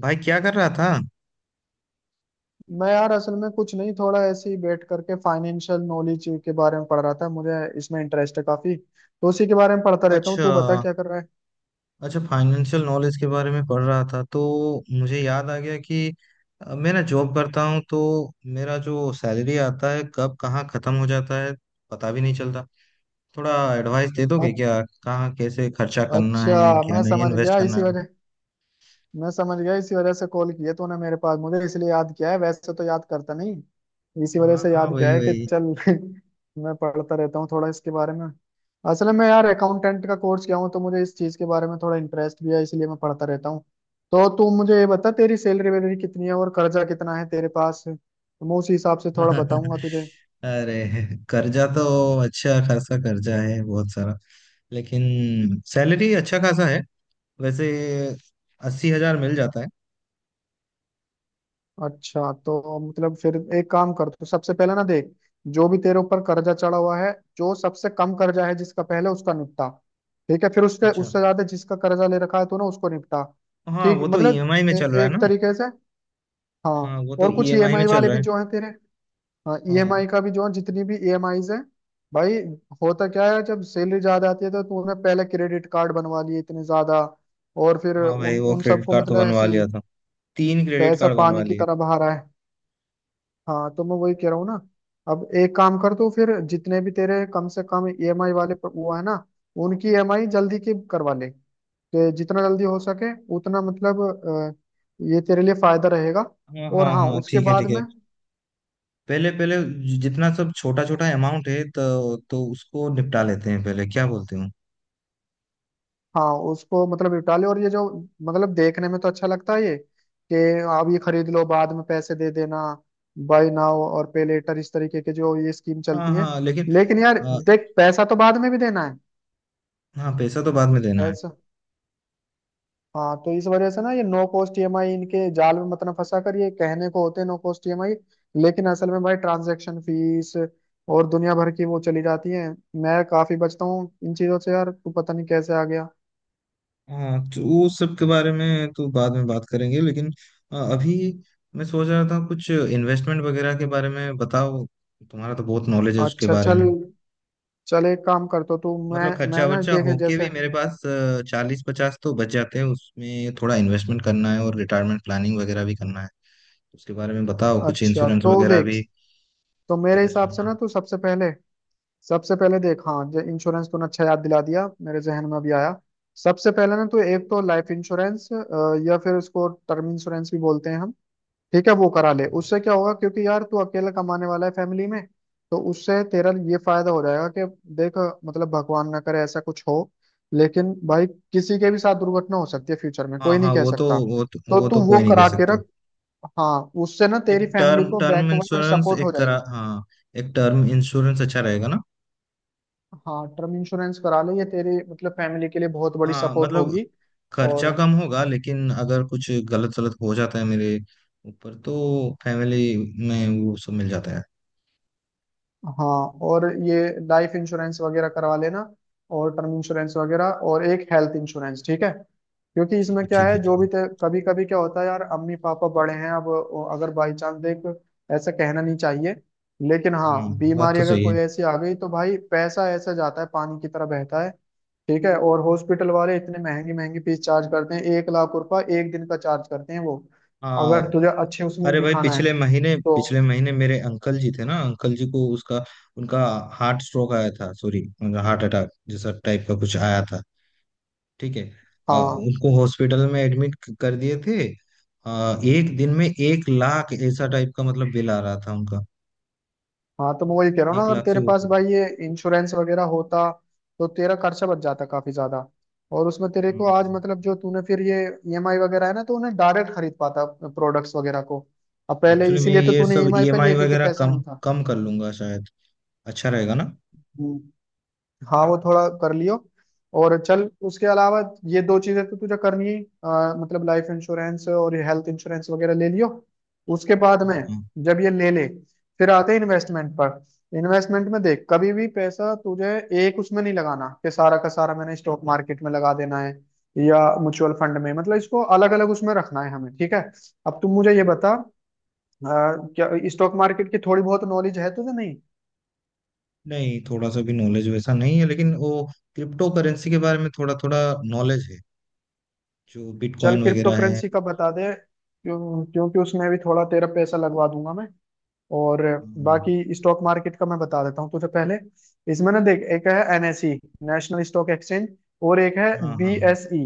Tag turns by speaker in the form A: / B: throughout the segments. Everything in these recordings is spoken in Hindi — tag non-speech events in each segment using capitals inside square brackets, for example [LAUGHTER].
A: भाई, क्या कर रहा था?
B: मैं यार असल में कुछ नहीं, थोड़ा ऐसे ही बैठ करके फाइनेंशियल नॉलेज के बारे में पढ़ रहा था। मुझे इसमें इंटरेस्ट है काफी, तो उसी के बारे में पढ़ता रहता हूँ।
A: अच्छा।
B: तू बता क्या कर रहा है।
A: अच्छा, फाइनेंशियल नॉलेज के बारे में पढ़ रहा था तो मुझे याद आ गया कि मैं ना जॉब करता हूँ, तो मेरा जो सैलरी आता है कब कहाँ खत्म हो जाता है पता भी नहीं चलता। थोड़ा एडवाइस दे
B: अ-
A: दोगे क्या, कहाँ कैसे खर्चा करना है,
B: अच्छा
A: क्या नहीं, इन्वेस्ट करना है।
B: मैं समझ गया इसी वजह से कॉल किया तूने मेरे पास। मुझे इसलिए याद किया है, वैसे तो याद करता नहीं। इसी वजह
A: हाँ
B: से
A: हाँ,
B: याद किया
A: वही
B: है कि
A: वही।
B: चल [LAUGHS] मैं पढ़ता रहता हूँ थोड़ा इसके बारे में। असल में यार अकाउंटेंट का कोर्स किया हूँ, तो मुझे इस चीज के बारे में थोड़ा इंटरेस्ट भी है, इसलिए मैं पढ़ता रहता हूँ। तो तू मुझे ये बता, तेरी सैलरी वैलरी कितनी है और कर्जा कितना है तेरे पास, तो मैं उसी हिसाब से थोड़ा
A: [LAUGHS]
B: बताऊंगा तुझे।
A: अरे, कर्जा तो अच्छा खासा कर्जा है बहुत सारा, लेकिन सैलरी अच्छा खासा है वैसे। 80,000 मिल जाता है।
B: अच्छा तो मतलब फिर एक काम कर, तो सबसे पहले ना देख, जो भी तेरे ऊपर कर्जा चढ़ा हुआ है, जो सबसे कम कर्जा है जिसका, पहले उसका निपटा। ठीक है। फिर उसके
A: अच्छा।
B: उससे ज्यादा जिसका कर्जा ले रखा है तूने, उसको निपटा।
A: हाँ
B: ठीक
A: वो तो
B: मतलब
A: ईएमआई में
B: ए,
A: चल रहा है
B: एक
A: ना।
B: तरीके से। हाँ।
A: हाँ वो तो
B: और कुछ
A: ईएमआई में
B: ईएमआई
A: चल
B: वाले
A: रहा
B: भी
A: है।
B: जो हैं तेरे। हाँ,
A: हाँ।
B: ईएमआई का भी जो है, जितनी भी ईएमआईज हैं। भाई, होता क्या है, जब सैलरी ज्यादा आती है तो तूने पहले क्रेडिट कार्ड बनवा लिए इतने ज्यादा, और फिर
A: हाँ भाई,
B: उन
A: वो
B: उन
A: क्रेडिट
B: सबको
A: कार्ड तो
B: मतलब
A: बनवा
B: ऐसी
A: लिया था। 3 क्रेडिट
B: पैसा
A: कार्ड
B: पानी
A: बनवा
B: की
A: लिए।
B: तरह बहा रहा है। हाँ, तो मैं वही कह रहा हूँ ना। अब एक काम कर तो, फिर जितने भी तेरे कम से कम ईएमआई वाले वो है ना, उनकी ईएमआई जल्दी की करवा ले, तो जितना जल्दी हो सके उतना मतलब, ये तेरे लिए फायदा रहेगा।
A: हाँ
B: और
A: हाँ
B: हाँ,
A: हाँ,
B: उसके
A: ठीक है
B: बाद
A: ठीक है।
B: में।
A: पहले पहले जितना सब छोटा छोटा अमाउंट है तो उसको निपटा लेते हैं पहले, क्या बोलते हो?
B: हाँ, उसको मतलब निपटा ले, और ये जो मतलब देखने में तो अच्छा लगता है ये, कि आप ये खरीद लो बाद में पैसे दे देना। बाय नाउ और पे लेटर, इस तरीके के जो ये स्कीम
A: हाँ
B: चलती है।
A: हाँ, लेकिन
B: लेकिन यार
A: आ,
B: देख, पैसा तो बाद में भी देना है।
A: हाँ पैसा तो बाद में देना है।
B: पैसा हाँ, तो इस वजह से ना, ये नो कॉस्ट ईएमआई, इनके जाल में मत ना फंसा कर। ये कहने को होते हैं नो कॉस्ट ईएमआई, लेकिन असल में भाई ट्रांजैक्शन फीस और दुनिया भर की वो चली जाती है। मैं काफी बचता हूँ इन चीजों से यार, तू पता नहीं कैसे आ गया।
A: हाँ, तो वो सब के बारे में तो बाद में बात करेंगे, लेकिन अभी मैं सोच रहा था कुछ इन्वेस्टमेंट वगैरह के बारे में बताओ। तुम्हारा तो बहुत नॉलेज है उसके
B: अच्छा
A: बारे में।
B: चल। चल एक काम कर तो, तू मैं
A: मतलब खर्चा
B: मैं ना
A: वर्चा
B: देखे
A: होके भी
B: जैसे।
A: मेरे पास 40-50 तो बच जाते हैं। उसमें थोड़ा इन्वेस्टमेंट करना है और रिटायरमेंट प्लानिंग वगैरह भी करना है। उसके बारे में बताओ कुछ,
B: अच्छा
A: इंश्योरेंस
B: तो
A: वगैरह
B: देख,
A: भी
B: तो मेरे
A: सजेस्ट
B: हिसाब से
A: करना।
B: ना तू सबसे पहले। सबसे पहले देख, हाँ, जो इंश्योरेंस तूने अच्छा याद दिला दिया, मेरे जहन में अभी आया। सबसे पहले ना तो एक तो लाइफ इंश्योरेंस, या फिर उसको टर्म इंश्योरेंस भी बोलते हैं हम। ठीक है, वो करा ले। उससे क्या होगा, क्योंकि यार तू अकेला कमाने वाला है फैमिली में। तो उससे तेरा ये फायदा हो जाएगा कि देख, मतलब भगवान ना करे ऐसा कुछ हो, लेकिन भाई किसी के भी साथ दुर्घटना हो सकती है, फ्यूचर में कोई
A: हाँ
B: नहीं
A: हाँ,
B: कह
A: वो तो
B: सकता।
A: वो तो,
B: तो
A: वो
B: तू
A: तो
B: वो
A: कोई नहीं कह
B: करा के
A: सकता।
B: रख। हाँ, उससे ना
A: एक
B: तेरी
A: टर्म
B: फैमिली को
A: टर्म
B: बैकवर्ड
A: इंश्योरेंस
B: सपोर्ट हो
A: एक
B: जाएगी।
A: करा, हाँ। एक टर्म इंश्योरेंस अच्छा रहेगा ना?
B: हाँ, टर्म इंश्योरेंस करा ले, ये तेरी मतलब फैमिली के लिए बहुत बड़ी
A: हाँ
B: सपोर्ट
A: मतलब,
B: होगी।
A: खर्चा
B: और
A: कम होगा लेकिन अगर कुछ गलत सलत हो जाता है मेरे ऊपर तो फैमिली में वो सब मिल जाता है।
B: हाँ, और ये लाइफ इंश्योरेंस वगैरह करवा लेना, और टर्म इंश्योरेंस वगैरह, और एक हेल्थ इंश्योरेंस। ठीक है। क्योंकि
A: ठीक
B: इसमें
A: है
B: क्या
A: ठीक
B: है
A: है
B: जो
A: ठीक
B: भी,
A: है।
B: कभी कभी क्या होता है यार, अम्मी पापा बड़े हैं, अब वो अगर बाई चांस देख, ऐसा कहना नहीं चाहिए, लेकिन
A: हाँ
B: हाँ
A: बात
B: बीमारी
A: तो
B: अगर
A: सही है।
B: कोई ऐसी आ गई, तो भाई पैसा ऐसा जाता है, पानी की तरह बहता है। ठीक है, और हॉस्पिटल वाले इतने महंगी महंगी फीस चार्ज करते हैं, 1 लाख रुपए एक दिन का चार्ज करते हैं वो, अगर
A: हाँ।
B: तुझे अच्छे उसमें
A: अरे भाई,
B: दिखाना है तो।
A: पिछले महीने मेरे अंकल जी थे ना। अंकल जी को उसका उनका हार्ट स्ट्रोक आया था, सॉरी, हार्ट अटैक जैसा टाइप का कुछ आया था। ठीक है।
B: हाँ,
A: उनको हॉस्पिटल में एडमिट कर दिए थे। एक दिन में 1 लाख ऐसा टाइप का मतलब बिल आ रहा था उनका।
B: हाँ तो मैं वही कह रहा हूँ
A: एक
B: ना, अगर
A: लाख
B: तेरे
A: से
B: पास
A: ऊपर।
B: भाई ये इंश्योरेंस वगैरह होता तो तेरा खर्चा बच जाता काफी ज्यादा। और उसमें तेरे को आज
A: हम्म।
B: मतलब, जो तूने फिर ये ईएमआई वगैरह है ना, तो उन्हें डायरेक्ट खरीद पाता प्रोडक्ट्स वगैरह को। अब पहले
A: एक्चुअली, मैं
B: इसीलिए तो
A: ये
B: तूने
A: सब
B: ईएमआई पे
A: ईएमआई
B: लिया, क्योंकि
A: वगैरह
B: पैसा
A: कम
B: नहीं
A: कम कर लूंगा शायद। अच्छा रहेगा ना?
B: था। हाँ, वो थोड़ा कर लियो। और चल, उसके अलावा ये दो चीजें तो तुझे करनी ही, मतलब लाइफ इंश्योरेंस और ये हेल्थ इंश्योरेंस वगैरह ले लियो। उसके बाद
A: हाँ
B: में,
A: हाँ।
B: जब ये ले ले, फिर आते हैं इन्वेस्टमेंट पर। इन्वेस्टमेंट में देख, कभी भी पैसा तुझे एक उसमें नहीं लगाना कि सारा का सारा मैंने स्टॉक मार्केट में लगा देना है, या म्यूचुअल फंड में, मतलब इसको अलग अलग उसमें रखना है हमें। ठीक है। अब तुम मुझे ये बता, अ, क्या स्टॉक मार्केट की थोड़ी बहुत नॉलेज है तुझे? नहीं।
A: नहीं, थोड़ा सा भी नॉलेज वैसा नहीं है, लेकिन वो क्रिप्टो करेंसी के बारे में थोड़ा थोड़ा नॉलेज है। जो
B: चल,
A: बिटकॉइन
B: क्रिप्टो
A: वगैरह है।
B: करेंसी का बता दे, क्यों? क्योंकि उसमें भी थोड़ा तेरा पैसा लगवा दूंगा मैं, और
A: हम्म,
B: बाकी स्टॉक मार्केट का मैं बता देता हूँ तुझे पहले। इसमें ना देख, एक है एनएसई, नेशनल स्टॉक एक्सचेंज, और एक है
A: हाँ हाँ हाँ।
B: बीएसई।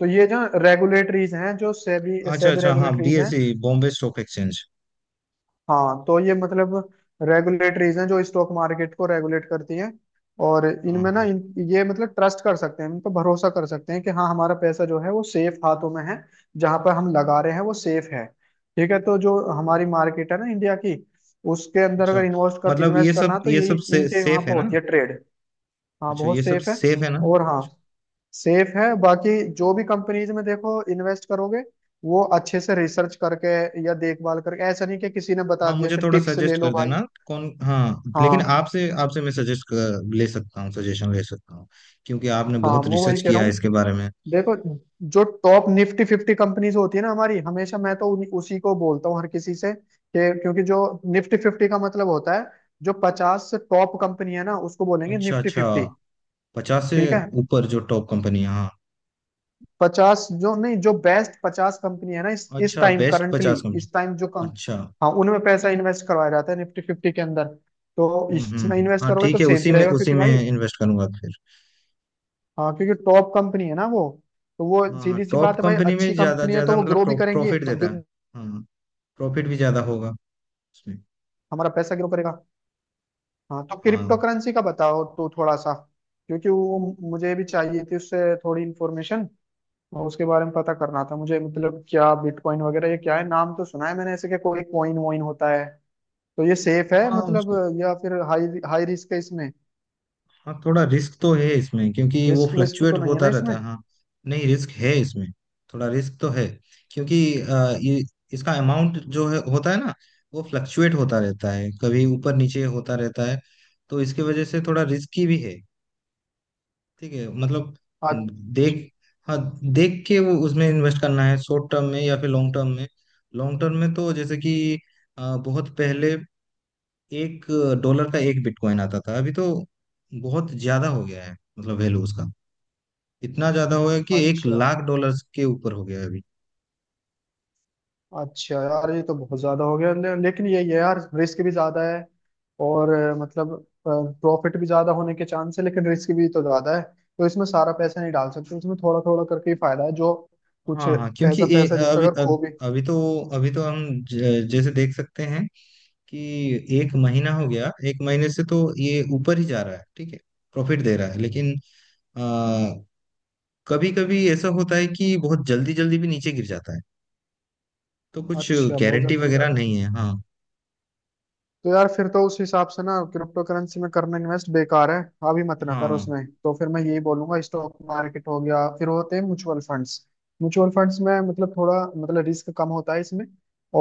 B: तो ये जो रेगुलेटरीज हैं, जो सेबी,
A: अच्छा
B: सेबी
A: अच्छा, हाँ,
B: रेगुलेटरीज हैं।
A: BSE, Bombay stock exchange.
B: हाँ, तो ये मतलब रेगुलेटरीज हैं जो स्टॉक मार्केट को रेगुलेट करती हैं, और
A: हाँ
B: इनमें ना
A: हाँ।
B: ये मतलब ट्रस्ट कर सकते हैं, इन पर भरोसा कर सकते हैं कि हाँ, हमारा पैसा जो है वो सेफ हाथों में है, जहां पर हम लगा रहे हैं वो सेफ है। ठीक है। तो जो हमारी मार्केट है ना इंडिया की, उसके अंदर
A: अच्छा
B: अगर
A: मतलब ये
B: इन्वेस्ट करना
A: सब
B: है, तो
A: ये
B: यही
A: सब
B: इनके वहां
A: सेफ
B: पर
A: है ना?
B: होती है ट्रेड। हाँ,
A: अच्छा, ये
B: बहुत
A: सब
B: सेफ है।
A: सेफ है ना?
B: और हाँ, सेफ है। बाकी जो भी कंपनीज में देखो इन्वेस्ट करोगे, वो अच्छे से रिसर्च करके या देखभाल करके, ऐसा नहीं कि किसी ने बता
A: हाँ
B: दिया
A: मुझे
B: कि
A: थोड़ा
B: टिप्स ले
A: सजेस्ट
B: लो
A: कर
B: भाई।
A: देना कौन, हाँ। लेकिन
B: हाँ,
A: आपसे आपसे मैं सजेस्ट ले सकता हूँ, सजेशन ले सकता हूँ। क्योंकि आपने
B: हाँ
A: बहुत
B: मैं वही
A: रिसर्च
B: कह रहा
A: किया है
B: हूँ।
A: इसके बारे में।
B: देखो, जो टॉप निफ्टी फिफ्टी कंपनीज होती है ना हमारी, हमेशा मैं तो उसी को बोलता हूँ हर किसी से कि, क्योंकि जो निफ्टी फिफ्टी का मतलब होता है, जो 50 से टॉप कंपनी है ना, उसको बोलेंगे
A: अच्छा
B: निफ्टी
A: अच्छा।
B: फिफ्टी।
A: 50 से
B: ठीक है।
A: ऊपर जो टॉप कंपनी, हाँ।
B: 50 जो नहीं, जो बेस्ट 50 कंपनी है ना इस
A: अच्छा,
B: टाइम,
A: बेस्ट
B: करंटली
A: 50 कंपनी।
B: इस टाइम जो कम,
A: अच्छा।
B: हाँ उनमें पैसा इन्वेस्ट करवाया जाता है निफ्टी फिफ्टी के अंदर। तो इसमें इन्वेस्ट
A: हाँ
B: करोगे तो
A: ठीक है,
B: सेफ
A: उसी
B: भी
A: में
B: रहेगा
A: उसी
B: क्योंकि
A: में
B: भाई,
A: इन्वेस्ट करूंगा फिर।
B: हाँ क्योंकि टॉप कंपनी है ना वो। तो वो
A: हाँ हाँ,
B: सीधी सी
A: टॉप
B: बात है भाई,
A: कंपनी में
B: अच्छी
A: ज्यादा
B: कंपनी है तो
A: ज्यादा
B: वो
A: मतलब
B: ग्रो भी करेंगी,
A: प्रॉफिट
B: तो
A: देता है। हाँ, प्रॉफिट भी ज्यादा होगा उसमें।
B: हमारा पैसा ग्रो करेगा। हाँ, तो क्रिप्टो
A: हाँ
B: करेंसी का बताओ तो थोड़ा सा, क्योंकि वो मुझे भी चाहिए थी, उससे थोड़ी इन्फॉर्मेशन उसके बारे में पता करना था मुझे, मतलब क्या बिटकॉइन वगैरह ये क्या है, नाम तो सुना है मैंने ऐसे कि कोई कॉइन वॉइन होता है। तो ये सेफ है
A: हाँ
B: मतलब,
A: उसको।
B: या फिर हाई हाई रिस्क है इसमें?
A: हाँ, थोड़ा रिस्क तो है इसमें क्योंकि वो
B: रिस्क विस्क
A: फ्लक्चुएट
B: तो नहीं है
A: होता
B: ना इसमें?
A: रहता है, हाँ। नहीं, रिस्क है इसमें, थोड़ा रिस्क तो है। क्योंकि ये, इसका अमाउंट जो है होता है ना, वो फ्लक्चुएट होता रहता है, कभी ऊपर नीचे होता रहता है। तो इसकी वजह से थोड़ा रिस्की भी है। ठीक है मतलब।
B: अ-
A: देख, हाँ, देख के वो, उसमें इन्वेस्ट करना है शॉर्ट टर्म में या फिर लॉन्ग टर्म में। लॉन्ग टर्म में तो जैसे कि बहुत पहले 1 डॉलर का एक बिटकॉइन आता था। अभी तो बहुत ज्यादा हो गया है, मतलब वैल्यू उसका इतना ज्यादा हो गया कि एक
B: अच्छा।
A: लाख डॉलर्स के ऊपर हो गया है अभी।
B: अच्छा यार ये तो बहुत ज्यादा हो गया, लेकिन ये यार रिस्क भी ज्यादा है। और मतलब प्रॉफिट भी ज्यादा होने के चांस है, लेकिन रिस्क भी तो ज्यादा है। तो इसमें सारा पैसा नहीं डाल सकते, इसमें थोड़ा थोड़ा करके ही फायदा है, जो कुछ
A: हाँ हाँ, क्योंकि
B: ऐसा पैसा जिससे
A: अभी,
B: अगर खो
A: अब
B: भी।
A: अभी तो अभी तो हम जैसे देख सकते हैं कि एक महीना हो गया। एक महीने से तो ये ऊपर ही जा रहा है, ठीक है, प्रॉफिट दे रहा है। लेकिन कभी कभी ऐसा होता है कि बहुत जल्दी जल्दी भी नीचे गिर जाता है। तो कुछ
B: अच्छा, बहुत
A: गारंटी
B: जल्दी भी
A: वगैरह
B: जाता है।
A: नहीं है, हाँ।
B: तो यार फिर तो उस हिसाब से ना, क्रिप्टो करेंसी में करना इन्वेस्ट बेकार है। अभी मत ना करो
A: हाँ
B: उसमें, तो फिर मैं यही बोलूंगा, स्टॉक मार्केट हो गया, फिर होते हैं म्यूचुअल फंड्स। म्यूचुअल फंड्स में मतलब थोड़ा, मतलब रिस्क कम होता है इसमें।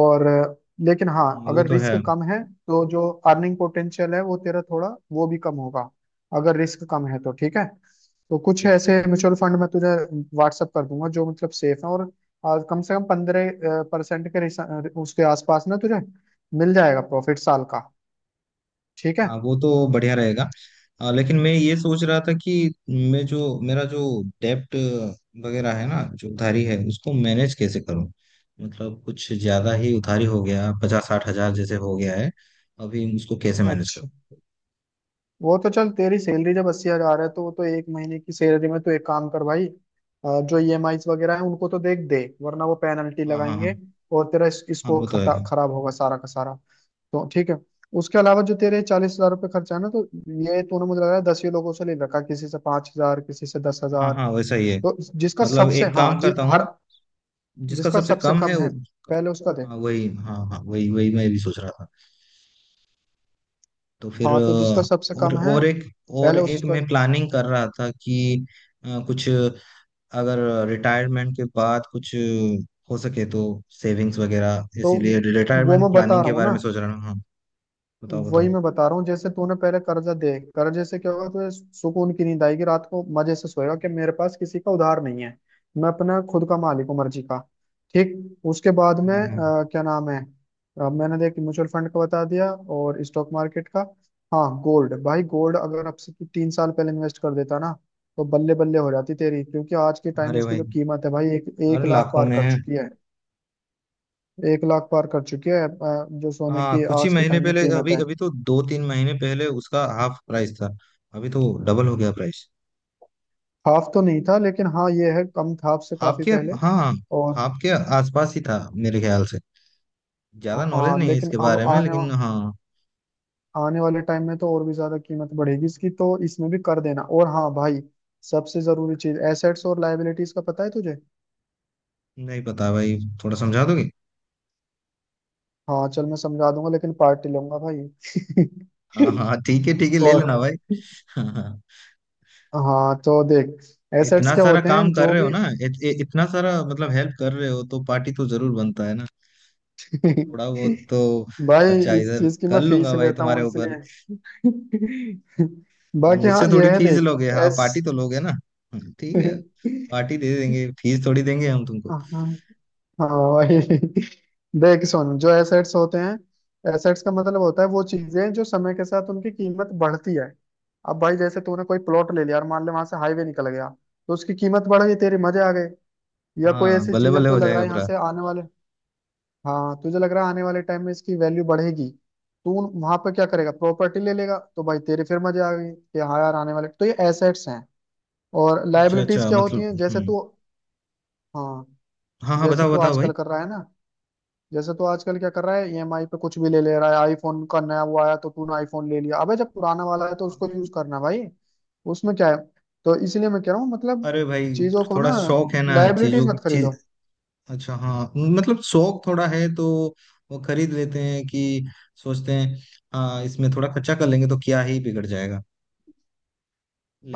B: और लेकिन
A: हाँ,
B: हाँ,
A: वो
B: अगर
A: तो है।
B: रिस्क कम है तो जो अर्निंग पोटेंशियल है वो तेरा थोड़ा वो भी कम होगा। अगर रिस्क कम है तो ठीक है। तो कुछ
A: ठीक है
B: ऐसे
A: ठीक
B: म्यूचुअल फंड मैं तुझे व्हाट्सअप कर दूंगा जो मतलब सेफ है, और कम से कम 15% के उसके आसपास ना तुझे मिल जाएगा प्रॉफिट साल का। ठीक
A: है।
B: है।
A: हाँ वो तो बढ़िया रहेगा। लेकिन मैं ये सोच रहा था कि मैं जो मेरा जो डेप्ट वगैरह है ना, जो उधारी है, उसको मैनेज कैसे करूं? मतलब कुछ ज्यादा ही उधारी हो गया, 50-60 हजार जैसे हो गया है अभी, उसको कैसे मैनेज करूं?
B: अच्छा, वो तो चल, तेरी सैलरी जब 80 हजार है तो, वो तो एक महीने की सैलरी में तो, एक काम कर भाई, जो ईएमआईज वगैरह है उनको तो देख दे, वरना वो पेनल्टी
A: हाँ हाँ
B: लगाएंगे
A: हाँ।
B: और तेरा
A: हाँ
B: स्कोर
A: वो तो है।
B: खराब होगा सारा का सारा। तो ठीक है। उसके अलावा जो तेरे 40 हजार रुपये खर्चा है ना तो, ये तूने मुझे लग रहा है 10 ही लोगों से ले रखा, किसी से 5 हजार, किसी से दस
A: हाँ
B: हजार
A: हाँ वैसा ही है।
B: तो जिसका
A: मतलब
B: सबसे,
A: एक
B: हाँ,
A: काम करता
B: हर
A: हूँ, जिसका
B: जिसका
A: सबसे
B: सबसे
A: कम है।
B: कम है, पहले उसका दे।
A: हाँ वही। हाँ हाँ, वही वही मैं भी सोच रहा था। तो फिर
B: हाँ, तो जिसका सबसे
A: और
B: कम है,
A: और एक और
B: पहले
A: एक
B: उसका।
A: मैं प्लानिंग कर रहा था कि कुछ, अगर रिटायरमेंट के बाद कुछ हो सके तो सेविंग्स वगैरह,
B: तो
A: इसीलिए
B: वो
A: रिटायरमेंट
B: मैं बता
A: प्लानिंग के
B: रहा हूँ
A: बारे
B: ना,
A: में सोच रहा हूँ, हाँ। बताओ
B: वही
A: बताओ।
B: मैं बता रहा हूँ, जैसे तूने पहले कर्जा दे, कर्जे से क्या होगा तुझे, सुकून की नींद आएगी, रात को मजे से सोएगा कि मेरे पास किसी का उधार नहीं है, मैं अपना खुद का मालिक हूँ मर्जी का। ठीक। उसके बाद में
A: हाँ हाँ।
B: क्या नाम है, मैंने देख म्यूचुअल फंड का बता दिया और स्टॉक मार्केट का। हाँ गोल्ड, भाई गोल्ड अगर अब से तू 3 साल पहले इन्वेस्ट कर देता ना, तो बल्ले बल्ले हो जाती तेरी, क्योंकि आज के टाइम
A: अरे
B: उसकी
A: भाई,
B: जो कीमत है भाई, एक एक
A: अरे,
B: लाख
A: लाखों
B: पार
A: में
B: कर
A: है।
B: चुकी है। एक लाख पार कर चुकी है, जो सोने
A: हाँ,
B: की
A: कुछ ही
B: आज के
A: महीने
B: टाइम में
A: पहले,
B: कीमत
A: अभी
B: है।
A: अभी तो 2-3 महीने पहले उसका हाफ प्राइस था। अभी तो डबल हो गया प्राइस।
B: हाफ तो नहीं था, लेकिन हाँ ये है कम था हाफ से
A: हाफ
B: काफी
A: के
B: पहले।
A: हाँ,
B: और
A: हाफ के आसपास ही था मेरे ख्याल से। ज्यादा नॉलेज
B: हाँ
A: नहीं है
B: लेकिन
A: इसके
B: अब
A: बारे में, लेकिन हाँ।
B: आने वाले टाइम में तो और भी ज्यादा कीमत बढ़ेगी इसकी, तो इसमें भी कर देना। और हाँ भाई, सबसे जरूरी चीज, एसेट्स और लाइबिलिटीज का पता है तुझे?
A: नहीं पता भाई, थोड़ा समझा दोगे?
B: हाँ चल मैं समझा दूंगा, लेकिन पार्टी लूंगा भाई।
A: हाँ हाँ हाँ, ठीक है ठीक है,
B: [LAUGHS]
A: ले
B: और
A: लेना भाई। हाँ हाँ हाँ।
B: हाँ, तो देख, एसेट्स
A: इतना
B: क्या
A: सारा
B: होते
A: काम
B: हैं
A: कर
B: जो
A: रहे हो
B: भी।
A: ना, इतना सारा मतलब हेल्प कर रहे हो तो पार्टी तो जरूर बनता है ना। तो थोड़ा
B: [LAUGHS]
A: बहुत तो
B: भाई
A: खर्चा
B: इस
A: इधर
B: चीज की मैं
A: कर
B: फीस
A: लूंगा भाई
B: लेता
A: तुम्हारे
B: हूँ
A: ऊपर।
B: इसलिए।
A: हाँ,
B: बाकी
A: मुझसे
B: हाँ,
A: थोड़ी
B: ये है,
A: फीस
B: देख।
A: लोगे, हाँ,
B: एस।
A: पार्टी तो लोगे ना। ठीक है।
B: हाँ।
A: पार्टी दे देंगे, फीस थोड़ी देंगे हम तुमको।
B: हाँ वही, देख सुन, जो एसेट्स होते हैं, एसेट्स का मतलब होता है वो चीजें जो समय के साथ उनकी कीमत बढ़ती है। अब भाई जैसे तूने कोई प्लॉट ले लिया और मान ले वहां से हाईवे निकल गया, तो उसकी कीमत बढ़ गई, तेरे मजे आ गए। या कोई
A: हाँ
B: ऐसी
A: बल्ले
B: चीज है
A: बल्ले
B: तो
A: हो
B: लग रहा
A: जाएगा
B: है यहाँ
A: पूरा।
B: से आने वाले। हाँ, तुझे लग रहा है आने वाले टाइम में इसकी वैल्यू बढ़ेगी, तू वहां पर क्या करेगा, प्रॉपर्टी ले लेगा, तो भाई तेरे फिर मजे आ गए कि हाँ यार आने वाले, तो ये एसेट्स हैं। और
A: अच्छा
B: लाइबिलिटीज
A: अच्छा,
B: क्या होती
A: मतलब,
B: हैं, जैसे
A: हम्म।
B: तू। हाँ,
A: हाँ हाँ,
B: जैसे
A: बताओ
B: तू
A: बताओ भाई।
B: आजकल कर रहा है ना, जैसे तू आजकल क्या कर रहा है, ईएमआई पे कुछ भी ले ले रहा है, आईफोन का नया वो आया तो तूने आईफोन ले लिया। अबे जब पुराना वाला है तो उसको यूज करना भाई, उसमें क्या है? तो इसलिए मैं कह रहा हूँ, मतलब
A: अरे भाई,
B: चीजों को ना,
A: थोड़ा शौक है ना,
B: लाइबिलिटीज
A: चीजों की
B: मत
A: चीज।
B: खरीदो।
A: अच्छा, हाँ, मतलब शौक थोड़ा है तो वो खरीद लेते हैं कि सोचते हैं हाँ इसमें थोड़ा खर्चा कर लेंगे तो क्या ही बिगड़ जाएगा,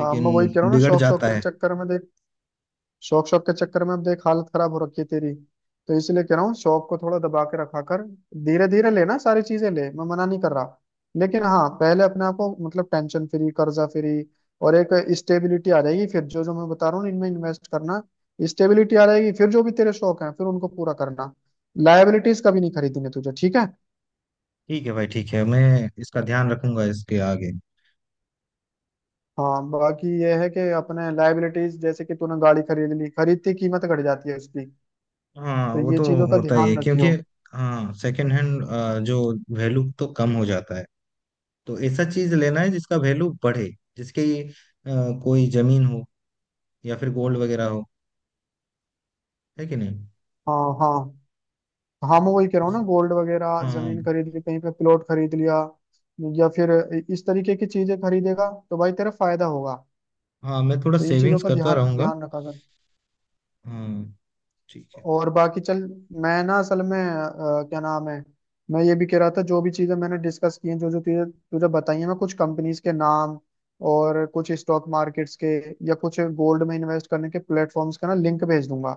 B: हाँ मैं वही कह रहा हूँ ना,
A: बिगड़
B: शौक शौक
A: जाता
B: के
A: है।
B: चक्कर में, देख, शौक शौक के चक्कर में अब देख हालत खराब हो रखी है तेरी। तो इसलिए कह रहा हूँ, शौक को थोड़ा दबा के रखा कर। धीरे धीरे लेना सारी चीजें, ले, मैं मना नहीं कर रहा, लेकिन हाँ पहले अपने आप को मतलब टेंशन फ्री, कर्जा फ्री, और एक स्टेबिलिटी आ जाएगी, फिर जो जो मैं बता रहा हूँ इनमें इन्वेस्ट करना। स्टेबिलिटी आ जाएगी फिर जो भी तेरे शौक हैं फिर उनको पूरा करना। लायबिलिटीज कभी नहीं खरीदनी तुझे, ठीक है?
A: ठीक है भाई, ठीक है, मैं इसका ध्यान रखूंगा इसके आगे।
B: हाँ बाकी ये है कि अपने लायबिलिटीज, जैसे कि तूने गाड़ी खरीद ली, खरीदती कीमत घट जाती है उसकी,
A: हाँ,
B: तो
A: वो
B: ये
A: तो
B: चीजों का
A: होता ही है,
B: ध्यान
A: क्योंकि
B: रखियो।
A: हाँ, सेकंड हैंड जो वैल्यू तो कम हो जाता है। तो ऐसा चीज लेना है जिसका वैल्यू बढ़े, जिसके कोई जमीन हो, या फिर गोल्ड वगैरह हो, है कि नहीं?
B: हाँ हाँ। हाँ मैं वही कह रहा हूँ ना, गोल्ड वगैरह,
A: हाँ
B: जमीन खरीद ली, कहीं पे प्लॉट खरीद लिया, या फिर इस तरीके की चीजें खरीदेगा तो भाई तेरा फायदा होगा।
A: हाँ, मैं थोड़ा
B: तो इन चीजों
A: सेविंग्स
B: का
A: करता
B: ध्यान
A: रहूंगा।
B: ध्यान रखा कर।
A: हाँ ठीक है।
B: और बाकी चल, मैं ना असल में क्या नाम है, मैं ये भी कह रहा था, जो भी चीजें मैंने डिस्कस की हैं, जो जो तुझे तुझे बताई हैं, मैं कुछ कंपनीज के नाम और कुछ स्टॉक मार्केट्स के या कुछ गोल्ड में इन्वेस्ट करने के प्लेटफॉर्म्स का ना लिंक भेज दूंगा।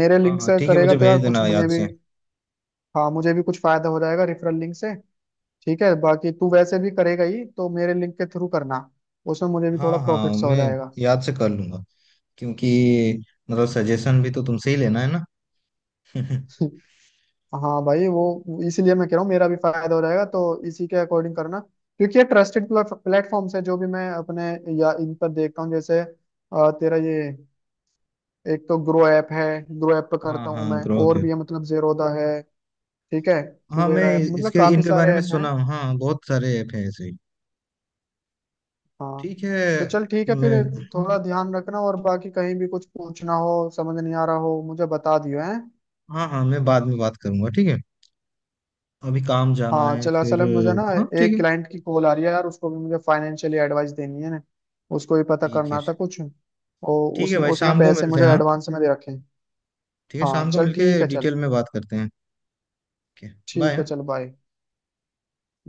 B: मेरे
A: हाँ
B: लिंक
A: हाँ
B: से
A: ठीक है,
B: करेगा
A: मुझे
B: तो यार
A: भेज
B: कुछ
A: देना
B: मुझे
A: याद से।
B: भी, हाँ मुझे भी कुछ फायदा हो जाएगा रेफरल लिंक से। ठीक है, बाकी तू वैसे भी करेगा ही तो मेरे लिंक के थ्रू करना, उसमें मुझे भी थोड़ा
A: हाँ हाँ,
B: प्रॉफिट सा हो
A: मैं
B: जाएगा।
A: याद से कर लूंगा, क्योंकि मतलब सजेशन भी तो तुमसे ही लेना है ना। [LAUGHS]
B: [LAUGHS] हाँ भाई वो इसीलिए मैं कह रहा हूँ, मेरा भी फायदा हो जाएगा तो इसी के अकॉर्डिंग करना। क्योंकि ये ट्रस्टेड प्लेटफॉर्म है जो भी मैं अपने या इन पर देखता हूँ। जैसे तेरा ये, एक तो ग्रो ऐप है, ग्रो ऐप पे
A: हाँ
B: करता हूँ
A: हाँ,
B: मैं,
A: ग्रो
B: और
A: पे।
B: भी है मतलब जेरोदा है। ठीक है,
A: हाँ, मैं
B: कुवेरा ऐप, मतलब
A: इसके
B: काफी
A: इनके
B: सारे
A: बारे में
B: ऐप
A: सुना
B: हैं।
A: हूँ, हाँ, बहुत सारे ऐप हैं ऐसे ही।
B: हाँ
A: ठीक है।
B: तो चल ठीक है फिर।
A: मैं,
B: थोड़ा ध्यान रखना, और बाकी कहीं भी कुछ पूछना हो, समझ नहीं आ रहा हो, मुझे बता दियो है।
A: हाँ हाँ, मैं बाद में बात करूंगा ठीक है। अभी काम जाना
B: हाँ
A: है
B: चलो, असल
A: फिर।
B: में मुझे ना
A: हाँ ठीक
B: एक
A: है।
B: क्लाइंट की कॉल आ रही है यार, उसको भी मुझे फाइनेंशियली एडवाइस देनी है ना। उसको भी पता
A: ठीक है।
B: करना था कुछ, और
A: ठीक है
B: उसने
A: भाई,
B: उसने
A: शाम को
B: पैसे
A: मिलते
B: मुझे
A: हैं, हाँ।
B: एडवांस में दे रखे हैं।
A: ठीक है,
B: हाँ
A: शाम को
B: चल
A: मिलके
B: ठीक है चल,
A: डिटेल में बात करते हैं। ओके।
B: ठीक
A: बाय।
B: है चल, बाय।